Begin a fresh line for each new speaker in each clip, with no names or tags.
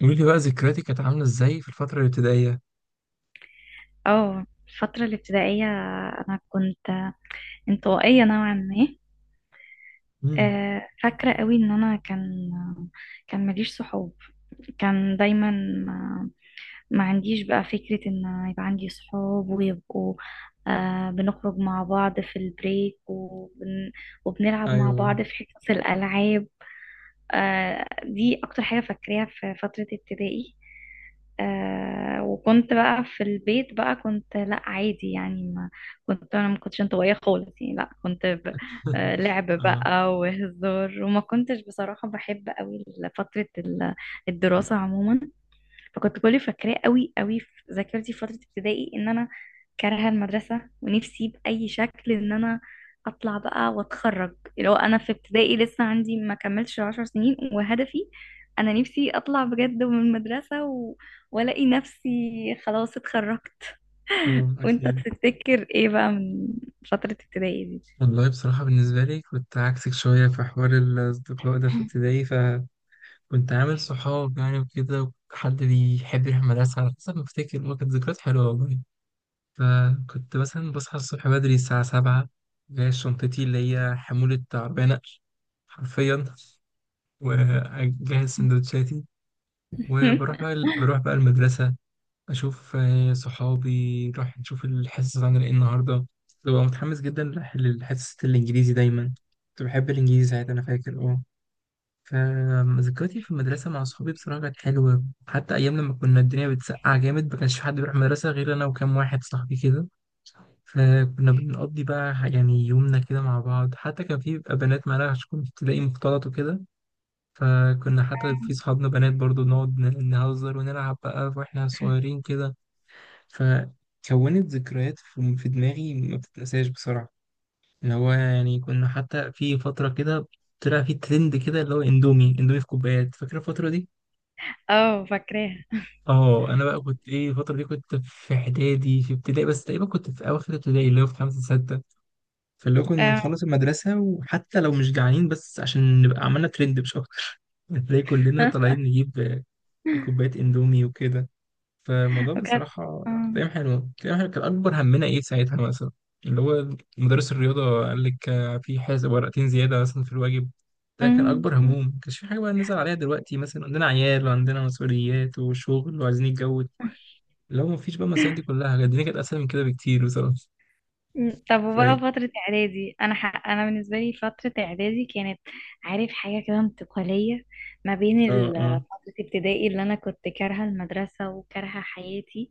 قولي لي بقى ذكرياتك كانت عاملة ازاي في الفترة الابتدائية؟
اه، الفترة الابتدائية. أنا كنت انطوائية نوعا ما.
امم.
فاكرة قوي إن أنا كان ماليش صحاب. كان دايما ما عنديش بقى فكرة إن يبقى عندي صحاب ويبقوا، بنخرج مع بعض في البريك وبنلعب مع
ايوه.
بعض في حصص الألعاب. دي اكتر حاجة فاكراها في فترة ابتدائي. وكنت بقى في البيت بقى، كنت لا عادي يعني. ما كنتش انطوائية خالص يعني، لا كنت. لعب
اه.
بقى وهزار، وما كنتش بصراحة بحب قوي فترة الدراسة عموما. فكنت كل اللي فاكراه قوي قوي في ذاكرتي في فترة ابتدائي ان انا كارهة المدرسة، ونفسي بأي شكل ان انا اطلع بقى واتخرج. لو انا في ابتدائي لسه عندي ما كملتش 10 سنين، وهدفي انا نفسي اطلع بجد من المدرسة، والاقي نفسي خلاص اتخرجت.
اه.
وانت
اكيد.
تفتكر ايه بقى من فترة ابتدائي دي؟
والله بصراحة بالنسبة لي كنت عكسك شوية في حوار الأصدقاء ده في ابتدائي، فكنت عامل صحاب يعني وكده، وكنت حد بيحب يروح المدرسة. على حسب ما افتكر هو كانت ذكريات حلوة والله. فكنت مثلا بصحى الصبح بدري الساعة 7، جايب شنطتي اللي هي حمولة عربية نقل، حرفيا. وأجهز سندوتشاتي، وبروح بقى بروح بقى المدرسة. اشوف صحابي نروح نشوف الحصص عن ايه النهارده. ببقى متحمس جدا للحصة الانجليزي دايما. كنت بحب الانجليزي ساعتها، انا فاكر، اه. فذكرياتي في المدرسه مع صحابي بصراحه كانت حلوه، حتى ايام لما كنا الدنيا بتسقع جامد، ما كانش في حد بيروح المدرسه غير انا وكام واحد صاحبي كده. فكنا بنقضي بقى يعني يومنا كده مع بعض. حتى كان في بيبقى بنات معانا، عشان كنت تلاقي مختلط وكده. فكنا حتى في صحابنا بنات برضو نقعد نهزر ونلعب بقى واحنا صغيرين كده. فكونت ذكريات في دماغي ما بتتنساش بسرعة. اللي هو يعني كنا حتى في فترة كده طلع في ترند كده، اللي هو اندومي اندومي في كوبايات. فاكر الفترة دي؟
اه، فاكراها.
اه، انا بقى كنت ايه الفترة دي؟ كنت في اعدادي في ابتدائي، بس تقريبا كنت في اواخر ابتدائي، اللي هو في خمسة ستة. فاللي هو كنا
آه.
نخلص المدرسة وحتى لو مش جعانين، بس عشان نبقى عملنا ترند مش أكتر. هتلاقي كلنا طالعين نجيب كوبايات اندومي وكده. فالموضوع
وكانت
بصراحة
آه.
كان أيام حلوة، كان أيام حلوة. كان أكبر همنا إيه ساعتها؟ مثلا اللي هو مدرس الرياضة قال لك في حاجة ورقتين زيادة مثلا في الواجب. ده كان
مم.
أكبر هموم. ما كانش في حاجة بقى نزعل عليها. دلوقتي مثلا عندنا عيال وعندنا مسؤوليات وشغل وعايزين نتجوز. لو ما فيش بقى المسائل دي كلها، كانت الدنيا كانت أسهل من كده بكتير بصراحة.
مم. طب، وبقى
فاي،
فترة إعدادي، أنا أنا بالنسبة لي فترة إعدادي كانت، عارف، حاجة كده انتقالية ما بين
اه. اه.
فترة ابتدائي اللي أنا كنت كارهة المدرسة وكارهة حياتي،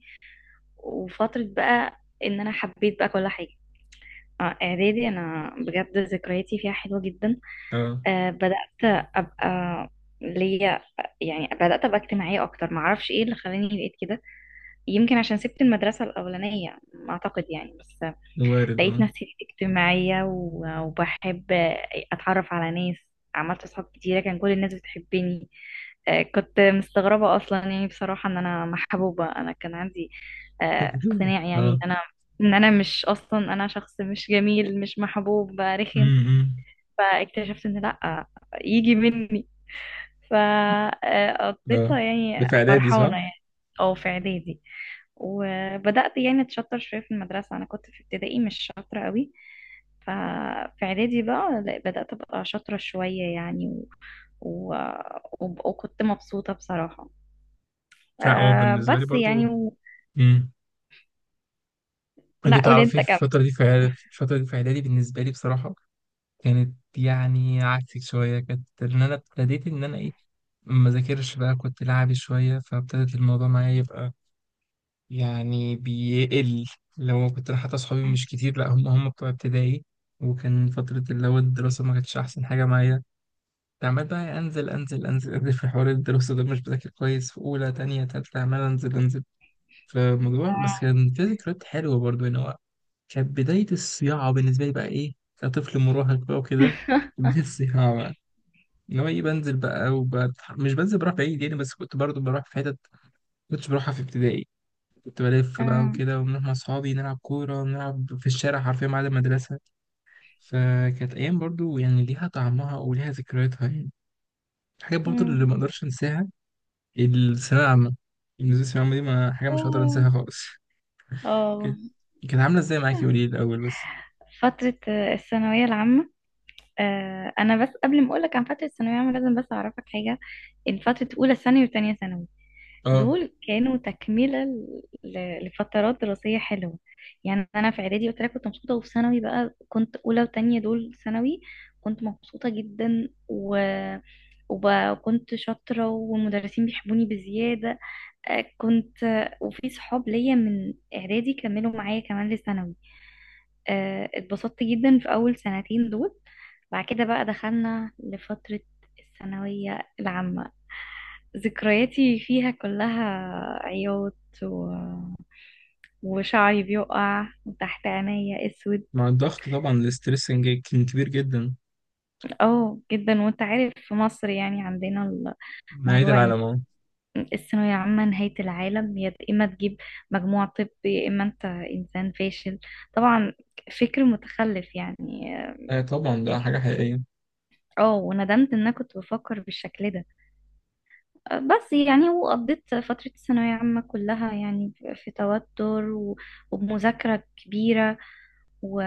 وفترة بقى إن أنا حبيت بقى كل حاجة. إعدادي أنا بجد ذكرياتي فيها حلوة جدا.
اه.
بدأت أبقى ليا يعني بدأت أبقى اجتماعية أكتر، معرفش إيه اللي خلاني بقيت كده. يمكن عشان سبت المدرسة الأولانية، أعتقد يعني بس.
وارد، اه.
لقيت نفسي اجتماعية وبحب أتعرف على ناس. عملت أصحاب كتيرة، كان كل الناس بتحبني. كنت مستغربة أصلا يعني بصراحة إن أنا محبوبة. أنا كان عندي اقتناع يعني،
اه.
إن أنا مش، أصلا أنا شخص مش جميل مش محبوب رخم.
امم.
فاكتشفت إن لأ، يجي مني،
اه.
فقضيتها
ده
يعني
في إعدادي صح؟
فرحانة يعني. أو في إعدادي وبدأت يعني اتشطر شوية في المدرسة. انا كنت في ابتدائي مش شاطرة قوي، ففي اعدادي بقى لا، بدأت ابقى شاطرة شوية يعني، و... وكنت مبسوطة بصراحة.
فا اه، بالنسبة لي
بس يعني
برضو.
و...
مم. انت
لا، قول
تعرفي
انت
في
كمان.
الفترة دي في في الفترة دي في إعدادي، بالنسبة لي بصراحة كانت يعني عكسك شوية. كانت إن أنا ابتديت إن أنا إيه، ما ذاكرش بقى، كنت لعبي شوية. فابتدت الموضوع معايا يبقى يعني بيقل. لو كنت أنا، حتى أصحابي مش كتير، لأ، هم بتوع ابتدائي. وكان فترة اللي هو الدراسة ما كانتش أحسن حاجة معايا. كنت عمال بقى أنزل أنزل، أنزل أنزل في حوار الدراسة ده، مش بذاكر كويس في أولى تانية تالتة، عمال أنزل أنزل في الموضوع. بس
آه.
كان في ذكريات حلوة برضه هنا. كانت بداية الصياعة بالنسبة لي بقى، إيه، كطفل مراهق بقى وكده. بداية الصياعة بقى، إن هو إيه، مش بنزل بروح بعيد يعني، بس كنت برضو بروح في حتت كنتش بروحها في ابتدائي. كنت بلف بقى
آه.
وكده، وبنروح مع أصحابي نلعب كورة ونلعب في الشارع، حرفيا بعد المدرسة. فكانت أيام برضو يعني ليها طعمها وليها ذكرياتها يعني. الحاجات برضو اللي
مم.
ما أقدرش أنساها. الثانوية العامة، بالنسبة للثانوية العامة دي، ما حاجة مش هقدر
آه.
أنساها خالص.
آه.
كانت، كانت عاملة إزاي معاكي؟ قولي لي الأول بس.
فترة الثانوية العامة. انا بس قبل ما اقولك عن فترة الثانوية العامة، لازم بس اعرفك حاجة. ان فترة اولى ثانوي وتانية ثانوي،
آه.
دول كانوا تكملة لفترات دراسية حلوة. يعني أنا في إعدادي قلت لك كنت مبسوطة، وفي ثانوي بقى كنت أولى وتانية دول ثانوي، كنت مبسوطة جدا وب... وكنت شاطرة والمدرسين بيحبوني بزيادة. آه، كنت آه، وفي صحاب ليا من إعدادي كملوا معايا كمان لثانوي. اتبسطت جدا في أول سنتين دول. بعد كده بقى دخلنا لفترة الثانوية العامة، ذكرياتي فيها كلها عياط، و... وشعري بيقع وتحت عينيا اسود.
مع الضغط طبعا، الاسترس كان كبير جدا.
اه، جدا. وانت عارف في مصر يعني عندنا
نهاية
الموضوع ان
العالم، اه.
الثانوية العامة نهاية العالم. يا اما تجيب مجموع، طب يا اما انت انسان فاشل، طبعا، فكر متخلف يعني.
طبعا ده
يعني
حاجة حقيقية.
اه، وندمت ان انا كنت بفكر بالشكل ده، بس يعني. وقضيت فترة الثانوية عامة كلها يعني في توتر، وبمذاكرة كبيرة، و...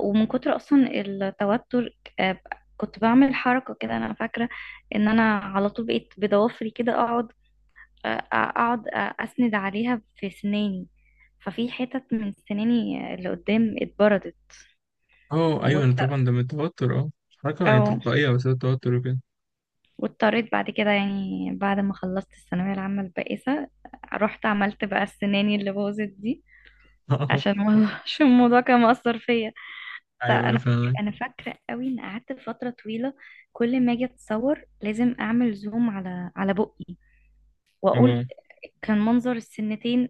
ومن كتر أصلا التوتر. كنت بعمل حركة كده أنا فاكرة، إن أنا على طول بقيت بضوافري كده أقعد، أسند عليها في سناني. ففي حتت من سناني اللي قدام اتبردت،
اه ايوه،
وات-
طبعا ده من التوتر، اه. حركة يعني
أو-
تلقائية، بس التوتر وكده.
واضطريت بعد كده يعني، بعد ما خلصت الثانوية العامة البائسة، رحت عملت بقى السناني اللي باظت دي
اه
عشان الموضوع. عشان الموضوع كان مأثر فيا. طيب
ايوه، أيوة،
انا فاكره،
فاهمك.
قوي ان قعدت فتره طويله كل ما اجي اتصور لازم اعمل زوم على بقي. واقول
اه.
كان منظر السنتين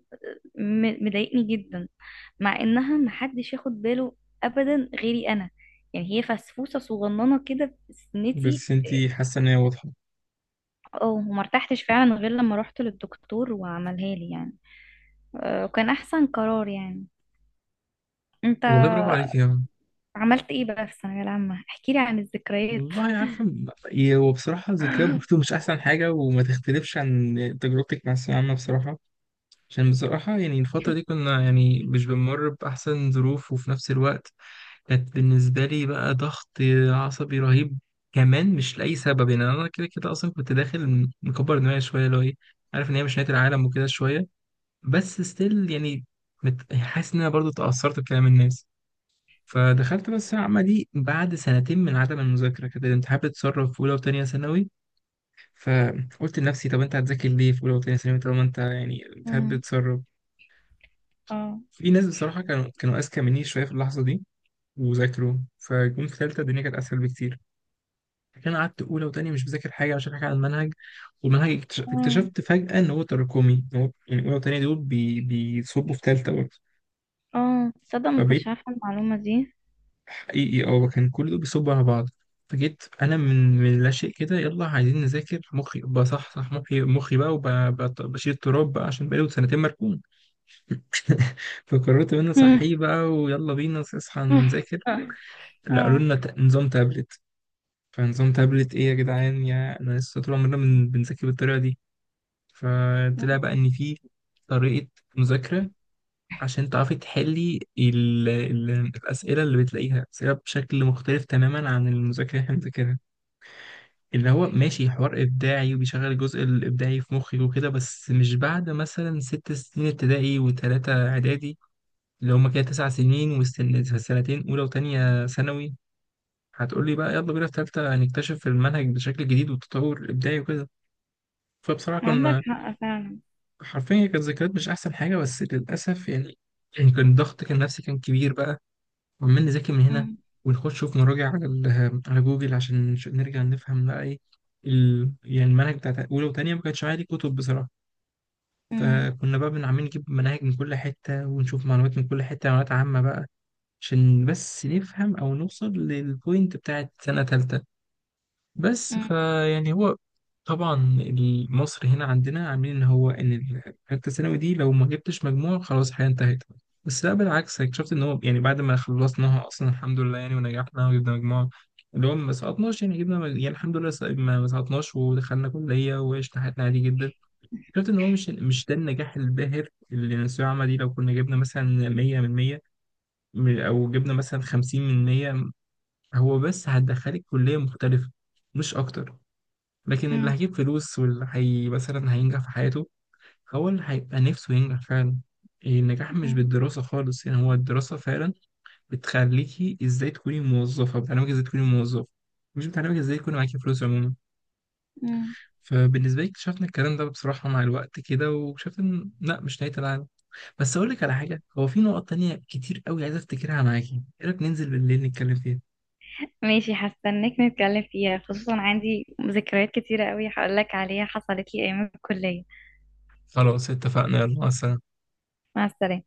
مضايقني جدا، مع انها محدش ياخد باله ابدا غيري انا. يعني هي فسفوسه صغننه كده في سنتي.
بس انتي حاسة ان هي واضحة.
اه، وما ارتحتش فعلا غير لما رحت للدكتور وعملها لي يعني. وكان احسن قرار يعني. انت
والله برافو عليك يا عم.
عملت ايه بقى في الثانويه العامه؟ احكي لي عن الذكريات.
والله عارفة، هو بصراحة ذكريات برضه مش أحسن حاجة وما تختلفش عن تجربتك مع الثانوية العامة بصراحة. عشان بصراحة يعني الفترة دي كنا يعني مش بنمر بأحسن ظروف، وفي نفس الوقت كانت بالنسبة لي بقى ضغط عصبي رهيب. كمان مش لأي سبب، يعني أنا كده كده أصلا كنت داخل مكبر دماغي شوية، اللي هو إيه، عارف إن هي مش نهاية العالم وكده شوية، بس ستيل يعني حاسس إن أنا برضه اتأثرت بكلام الناس. فدخلت بس العمة دي بعد سنتين من عدم المذاكرة كده. الامتحان بتسرب في أولى وتانية ثانوي. فقلت لنفسي، طب أنت هتذاكر ليه في أولى وتانية ثانوي طالما أنت يعني الامتحان
امم.
بتسرب.
اه.
في ناس بصراحة كانوا أذكى مني شوية في اللحظة دي، وذاكروا فجم في تالتة. الدنيا كانت أسهل بكتير. فكان قعدت اولى وتانية مش مذاكر حاجه، مش فاكر حاجه عن المنهج. والمنهج
امم.
اكتشفت فجاه ان هو تراكمي، إن هو يعني اولى وتانية دول بيصبوا في تالتة برضه.
اه، تصدق ما كنتش
فبقيت
عارفة المعلومة دي.
حقيقي، اه، كان كل دول بيصبوا على بعض. فجيت انا من لا شيء كده، يلا عايزين نذاكر. مخي بصحصح، مخي بقى، وبشيل التراب بقى عشان بقالي سنتين مركون. فقررت ان انا
امم.
صحيح بقى، ويلا بينا اصحى نذاكر.
اه.
لا، قالوا
آه.
لنا نظام تابلت. فنظام تابلت ايه يا جدعان؟ يا انا لسه طول عمرنا بنذاكر بالطريقه دي. فطلع بقى ان في طريقة مذاكرة عشان تعرفي تحلي الأسئلة، اللي بتلاقيها أسئلة بشكل مختلف تماما عن المذاكرة اللي احنا بنذاكرها. اللي هو ماشي حوار إبداعي وبيشغل الجزء الإبداعي في مخك وكده، بس مش بعد مثلا 6 سنين ابتدائي وتلاتة إعدادي، اللي هما كده 9 سنين، والسنتين أولى وتانية ثانوي، هتقولي بقى يلا بينا في تالتة نكتشف المنهج بشكل جديد والتطور الإبداعي وكده. فبصراحة
عندك
كنا
حق فعلا.
حرفيا كانت ذكريات مش احسن حاجه بس للاسف يعني. يعني كان الضغط كان نفسي كان كبير بقى، وعمال نذاكر من هنا
امم.
ونخش في مراجع على على جوجل عشان نرجع نفهم بقى ايه يعني المنهج بتاع اولى وتانية ما كانش عادي كتب بصراحه.
امم.
فكنا بقى عاملين نجيب مناهج من كل حته ونشوف معلومات من كل حته، معلومات عامه بقى، عشان بس نفهم او نوصل للبوينت بتاعت سنه تالتة. بس
امم.
فيعني هو طبعا مصر هنا عندنا عاملين ان هو ان الثالثه ثانوي دي لو ما جبتش مجموع خلاص الحياه انتهت. بس لا، بالعكس، اكتشفت ان هو يعني بعد ما خلصناها اصلا الحمد لله يعني، ونجحنا وجبنا مجموع اللي هو ما سقطناش. يعني جبنا يعني الحمد لله، ما سقطناش، ودخلنا كليه وعشنا حياتنا عادي جدا. اكتشفت ان هو مش ده النجاح الباهر. اللي الثانويه العامه دي لو كنا جبنا مثلا 100 من 100، او جبنا مثلا 50 من 100، هو بس هتدخلك كليه مختلفه، مش اكتر. لكن اللي
امم.
هيجيب فلوس واللي هي مثلا هينجح في حياته، هو اللي هيبقى نفسه ينجح فعلا. النجاح مش بالدراسة خالص يعني. هو الدراسة فعلا بتخليكي ازاي تكوني موظفة، بتعلمك ازاي تكوني موظف، مش بتعلمك ازاي يكون معاكي فلوس عموما.
امم.
فبالنسبة لي اكتشفنا الكلام ده بصراحة مع الوقت كده، واكتشفت ان لا، مش نهاية العالم. بس اقول لك على حاجة، هو في نقط تانية كتير قوي عايز افتكرها معاكي. ايه رأيك ننزل بالليل نتكلم فيها؟
ماشي، هستناك نتكلم فيها، خصوصا عندي ذكريات كتيرة قوي هقولك عليها حصلت لي أيام الكلية.
خلاص اتفقنا، يلا مثلا.
مع السلامة.